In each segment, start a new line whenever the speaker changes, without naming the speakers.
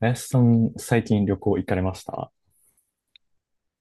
林さん、最近旅行行かれました？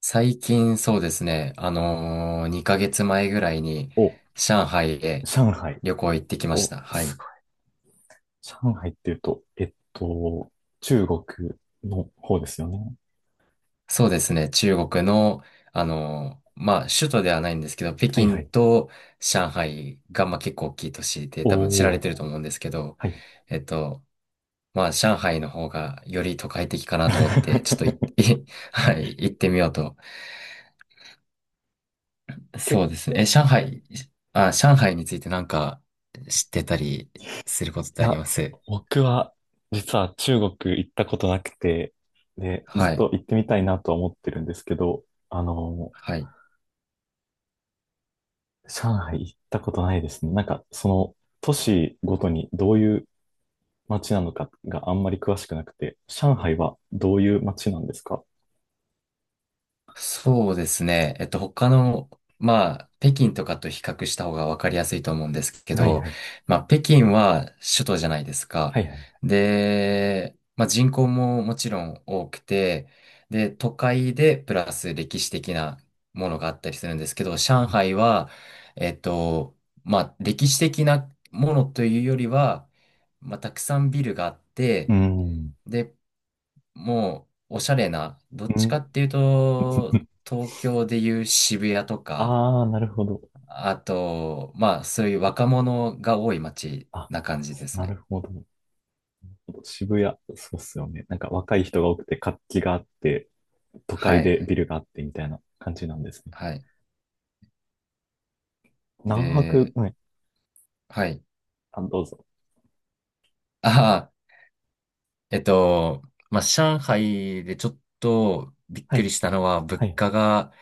最近そうですね、2ヶ月前ぐらいに
お、
上海へ
上海。
旅行行ってきまし
お、
た。は
す
い。
ごい。上海っていうと、中国の方ですよね。
そうですね、中国の、まあ、首都ではないんですけど、北
はいは
京
い。
と上海が、まあ、結構大きい都市で多分知られ
おー、
てると思うんですけど、
はい。
えっと、まあ、上海の方がより都会的かなと思って、ちょっとい はい、行ってみようと。
け、
そうですね。え、上海についてなんか知ってたりすることっ
い
てあり
や、
ます？
僕は実は中国行ったことなくて、で、ず
は
っ
い。
と行ってみたいなとは思ってるんですけど、あの、
はい。
上海行ったことないですね。なんか、その都市ごとにどういう街なのかがあんまり詳しくなくて、上海はどういう街なんですか？
そうですね。他の、まあ、北京とかと比較した方がわかりやすいと思うんですけ
はい
ど、
はい。
まあ、北京は首都じゃないですか。
はいはい。
で、まあ、人口ももちろん多くて、で、都会でプラス歴史的なものがあったりするんですけど、上海は、えっと、まあ、歴史的なものというよりは、まあ、たくさんビルがあっ
う
て、
ん。
でもうおしゃれな、どっ
う
ちか
ん。
っていうと、東京でいう渋谷とか、
あ あ、なるほど。
あと、まあ、そういう若者が多い街
あ、
な感じです
な
ね。
るほど。渋谷、そうっすよね。なんか若い人が多くて活気があって、都
は
会
い、
で
はい、
ビルがあってみたいな感じなんですね。
はい。
何泊、
で、
はい。
はい。
あ、どうぞ。
ああ、えっと、まあ、上海でちょっとびっ
は
くり
い。
したのは、
は
物
い。
価が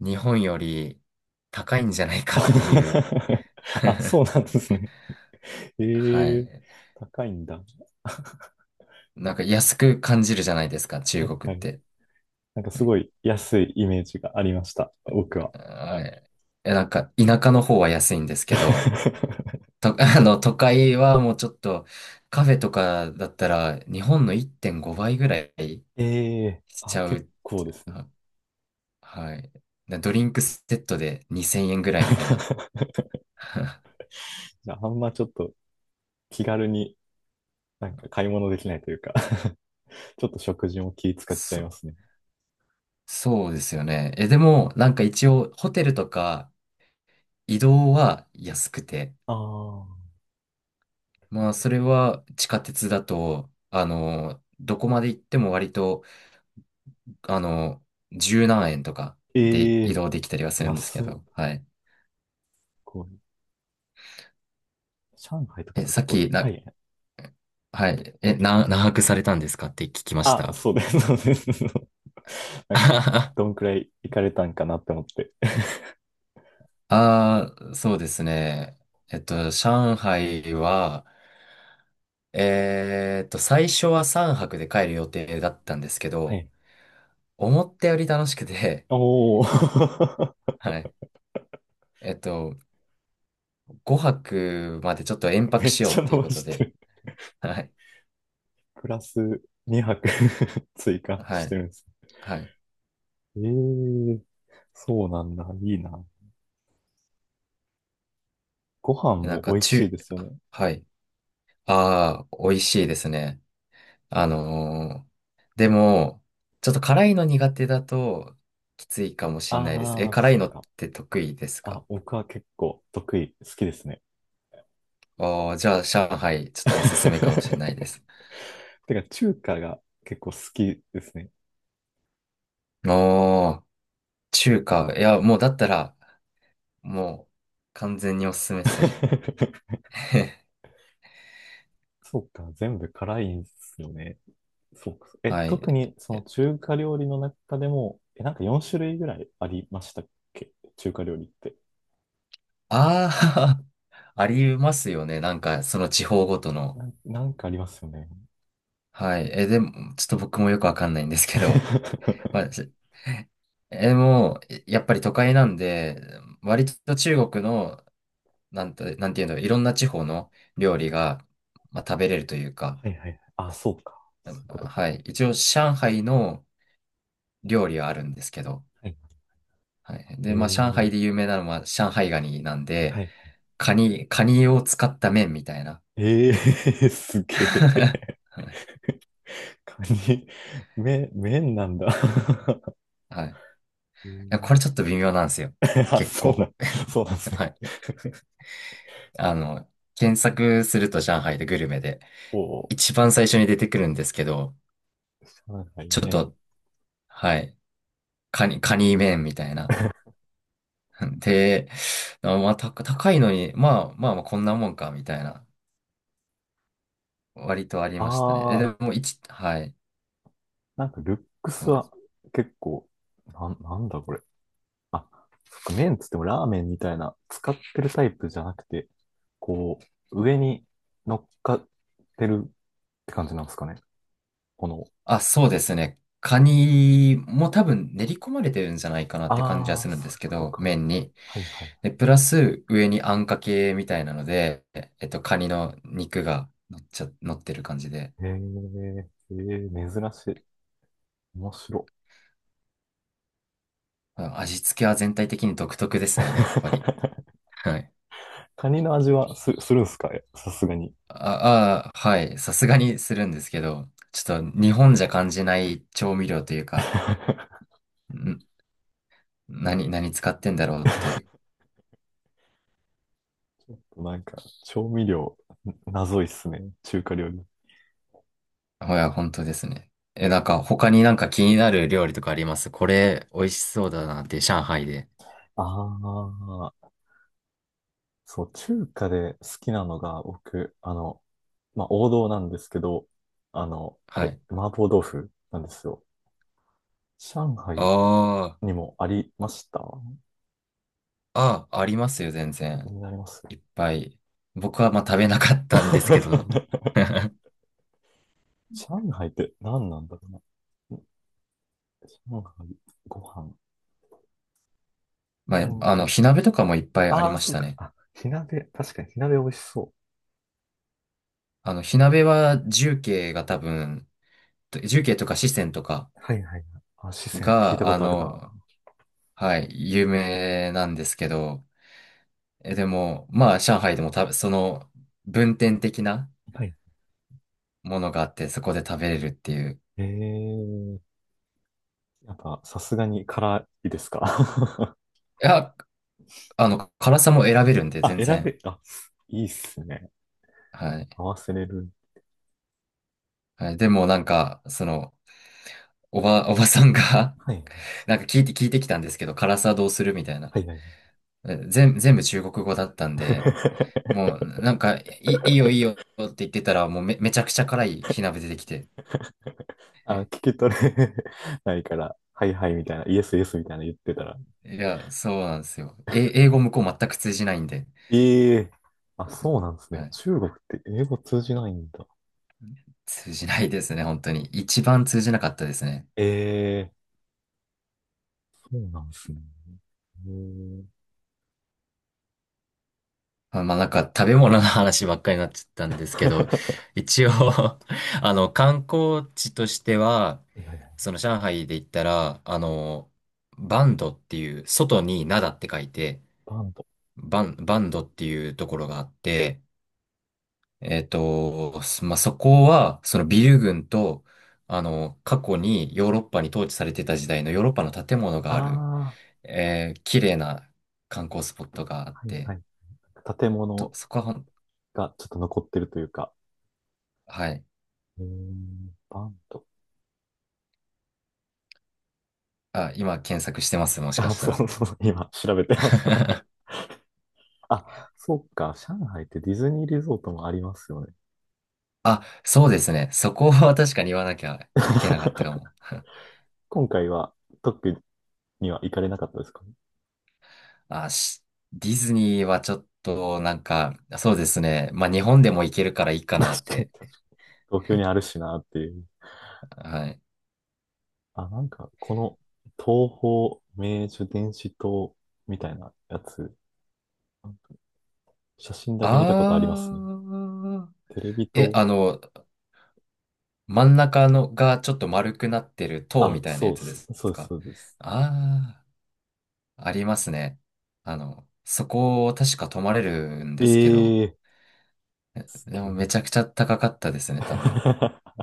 日本より高いんじゃないかっていう。
あ、そ うなんですね。
は
ええ、
い。
高いんだ。
なんか安く感じるじゃないですか、
は
中
いは
国っ
い。
て。
なんかすごい安いイメージがありました、僕は。
はい。え、なんか、田舎の方は安いんですけど、都会はもうちょっと、カフェとかだったら、日本の1.5倍ぐらい
ええ、
しち
あ、
ゃうっ
結構で
て、
すね。
はい。なドリンクセットで2000円ぐらいみたいな。
じゃあ、あんまちょっと気軽になんか買い物できないというか ちょっと食事も気使っちゃい
そ、
ますね。
そうですよね。え、でも、なんか一応、ホテルとか移動は安くて、
ああ、
まあ、それは地下鉄だと、どこまで行っても割とあの、十何円とかで
え
移
え、
動できたりはするんですけ
安っ、
ど、はい。
こう、上海とか
え、
と
さ
結
っ
構、
き、
あ、いや、
はい。え、何泊されたんですかって聞きまし
あ、
た。
そうです、そうです。なんか、
あ
どんくらい行かれたんかなって思って。
あそうですね。上海は、最初は3泊で帰る予定だったんですけ
は
ど、
い。
思ったより楽しくて、
おお
はい。えっと、5泊までちょっと延 泊
めっ
しよう
ちゃ
っていう
伸ば
こと
して
で、
る。
はい。
プラス2泊 追加
は
して
い。
るんです。
はい。
ええ、そうなんだ。いいな。ご飯
なん
も
か、
美味しいですよね。
はい。ああ、美味しいですね。あのーでも、ちょっと辛いの苦手だときついかもしんないです。え、
ああ、
辛
そ
い
っ
のっ
か。
て得意ですか？
あ、僕は結構得意、好きですね。
ああー、じゃあ、上海、ちょっとおすすめかもしんないで す。
てか、中華が結構好きですね。
おー、中華。いや、もうだったら、もう、完全におすすめですね。
そうか、全部辛いんですよね。そうか。え、
は
特
い。
にその中華料理の中でも、え、なんか4種類ぐらいありましたっけ？中華料理って。
ああ、ありますよね。なんか、その地方ごとの。
なんかありますよね。
はい。え、でも、ちょっと僕もよくわかんないんですけど、ま あ、でもう、やっぱり都会なんで、割と中国の、なんていうの、いろんな地方の料理が、まあ、食べれるというか、
はいはいはい。あ、そうか。
う
そう
ん
いうこと
は
か。
い。一応、上海の料理はあるんですけど、
はい。
はい。
え
で、まあ、上
ー、
海で有名なのは、上海ガニなんで、
はい。
カニを使った麺みたいな。
えー、すげ え。
はい。
カニ、麺なんだ。
はいい
え
やこれ
ー
ちょっと微妙なんですよ。
あ、
結構。
そうなんですね。
はい。あの、検索すると上海でグルメで、
おー、
一番最初に出てくるんですけど、
上海
ちょっ
麺。
とはい。カニ麺みたいな。で、高いのに、まあまあまあこんなもんか、みたいな。割とありましたね。え、
あ
で
ー、
も、はい。
なんかルック
そ
ス
うで
は
す。
結構、なんだこれ。あ、そっか、麺っつってもラーメンみたいな、使ってるタイプじゃなくて、こう、上に乗っかってるって感じなんですかね。この、
あ、そうですね。カニも多分練り込まれてるんじゃないかなって感じは
あ
す
あ、
るん
そ
で
うい
す
う
け
こと
ど、
か。
麺に。
はいはい。
で、プラス上にあんかけみたいなので、カニの肉が乗ってる感じで。
へえ、えー、珍しい。面白い。
まあ味付けは全体的に独特ですね、やっぱり。はい。
カニの味はするんすか？さすがに。
あ、あはい。さすがにするんですけど、ちょっと日本じゃ感じない調味料というか、ん、何使ってんだろうっていう。
なんか、調味料、謎いっすね。中華料理。
本当ですね。え、なんか他になんか気になる料理とかあります？これ美味しそうだなって、上海で。
ああ、そう、中華で好きなのが、僕、あの、まあ、王道なんですけど、あの、あ
は
れ、
い。
麻婆豆腐なんですよ。上海
あ
にもありました？
あ、ありますよ、全然。
になります？
いっぱい。僕はまあ食べなかったんですけど。
上海って何なんだろうな。上海、ご飯、
ま
あ
あ、
ん、
火鍋とかもいっぱいあり
ああ、
まし
そう
た
か。
ね。
あ、火鍋、確かに火鍋美味しそ
火鍋は重慶が多分、重慶とか四川とか、
う。はいはいはい。あ、四川、聞いた
が、
ことあるな。
はい、有名なんですけど、え、でも、まあ、上海でもた、その、分店的な
はい。
ものがあって、そこで食べれるっていう。
えー、やっぱさすがに辛いですか？
いや、辛さも選べるんで、
あ、
全然。
あ、いいっすね。
はい。
合わせれる。
はい、でも、なんか、その、おばさんが
はい。
なんか聞いてきたんですけど、辛さどうするみたいな。
はいはい。
全部中国語だったんで、もう、なんか、いいよ、いいよって言ってたら、もうめちゃくちゃ辛い火鍋出てきて。
あ、聞き取れないから、はいはいみたいな、イエスイエスみたいな言ってたら。
いや、そうなんですよ。え、英語向こう全く通じないんで。
ええー、あ、そうなんですね。
はい。
中国って英語通じないんだ。
通じないですね、本当に。一番通じなかったですね。
ええ、そうなんですね。へえ。
まあなんか食べ物の話ばっかりになっちゃったんですけど、一応 観光地としては、
いやいや、
その上海で言ったら、バンドっていう、外に灘って書いて、
バンド。
バンドっていうところがあって、すまあ、そこは、そのビル群と、過去にヨーロッパに統治されてた時代のヨーロッパの建物がある、
ああ、
綺麗な観光スポットがあっ
はいは
て、
い。建
と、
物
そこは
がちょっと残ってるというか。
はい。
へえ、バンド。
あ、今検索してます、も しか
あ、
した
そ
ら。
うそう、今調べてます。あ、そうか、上海ってディズニーリゾートもありますよね。
あ、そうですね。そこは 確かに言わなきゃいけなかったか も。
今回は特には行かれなかったですかね？
あ、ディズニーはちょっと、なんか、そうですね。まあ、日本でも行けるか
確かに、確
らいいかなっ
かに。
て。
東京にあるしなっていう。
はい。
あ、なんか、この東方明珠電子塔みたいなやつ、写真だけ見たことありますね。
あー。
テレビ
え、
と、
真ん中のがちょっと丸くなってる塔
あ、
みたいなや
そうで
つで
す、
す
そうです、
か？
そうです。
ああー、ありますね。そこを確か泊まれるん
え
ですけど、
えー、すげ
でも
え。
めちゃくちゃ高かったですね、多分。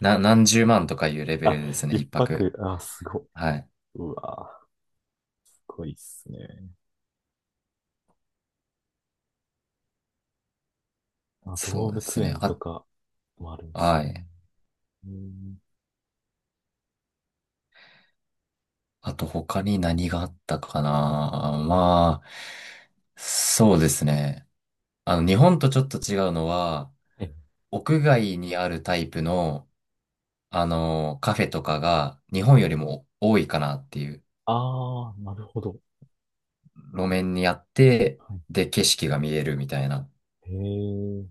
何十万とかいうレベ
あ、
ルですね、
一
一泊。
泊、あ、すごい。
はい。
うわー、すごいっすね。あ、
そ
動
うです
物
ね。
園と
あ、
かもあるんです
は
ね。
い。
うん、
あと他に何があったかな。まあ、そうですね。日本とちょっと違うのは、
え、
屋外にあるタイプの、カフェとかが日本よりも多いかなっていう。
あー、なるほど。
路面にあって、
は
で、景色が見えるみたいな。
い。へえ、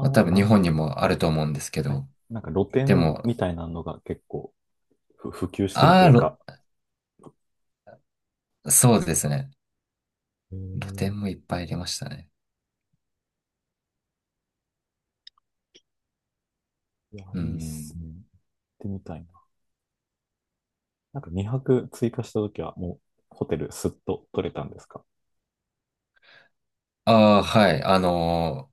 まあ、多
ー、
分
な
日
んて、
本にもあると思うんですけ
はい。
ど。
なんか露
で
店
も、
みたいなのが結構普及してると
あ
い
あ、
うか。
そうですね。
へ
露
え、
店もいっぱいありましたね。
いや、
う
いいっすね。
ん。
行ってみたいな。なんか2泊追加したときは、もうホテルすっと取れたんですか？
ああ、はい。あの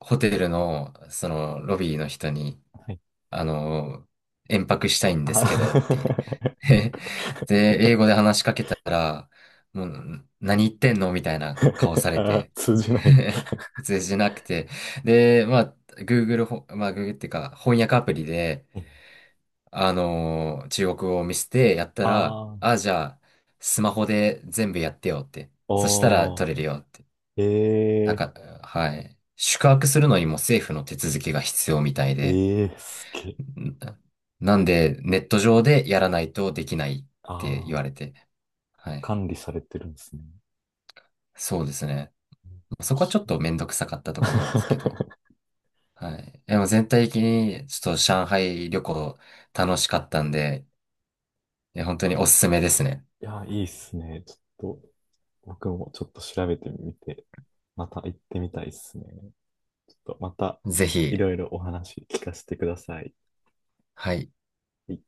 ー、ホテルの、ロビーの人に、
はい。
あの延泊したいんですけどって言
あ
って で、英語で話しかけたら、もう、何言ってんのみたいな顔さ れ
あー、
て、
通じない。
普通じゃなくて。で、まあ、Google っていうか、翻訳アプリで、中国語を見せてやったら、
ああ、
あ、じゃあ、スマホで全部やってよって。そしたら
お
取れるよって。
ー、
なん
え
か、はい。宿泊するのにも政府の手続きが必要みたい
えー、
で。
ええー、すげえ。
んなんで、ネット上でやらないとできないって言
あ
われて。
あ、
はい。
管理されてるんですね。
そうですね。そ
面
こはちょっ
白
とめんどくさかったとこなんですけど。
い
はい。でも全体的に、ちょっと上海旅行楽しかったんで、本当におすすめですね。
いやー、いいっすね。ちょっと、僕もちょっと調べてみて、また行ってみたいっすね。ちょっとまた、
ぜ
い
ひ、
ろいろお話聞かせてください。は
はい。
い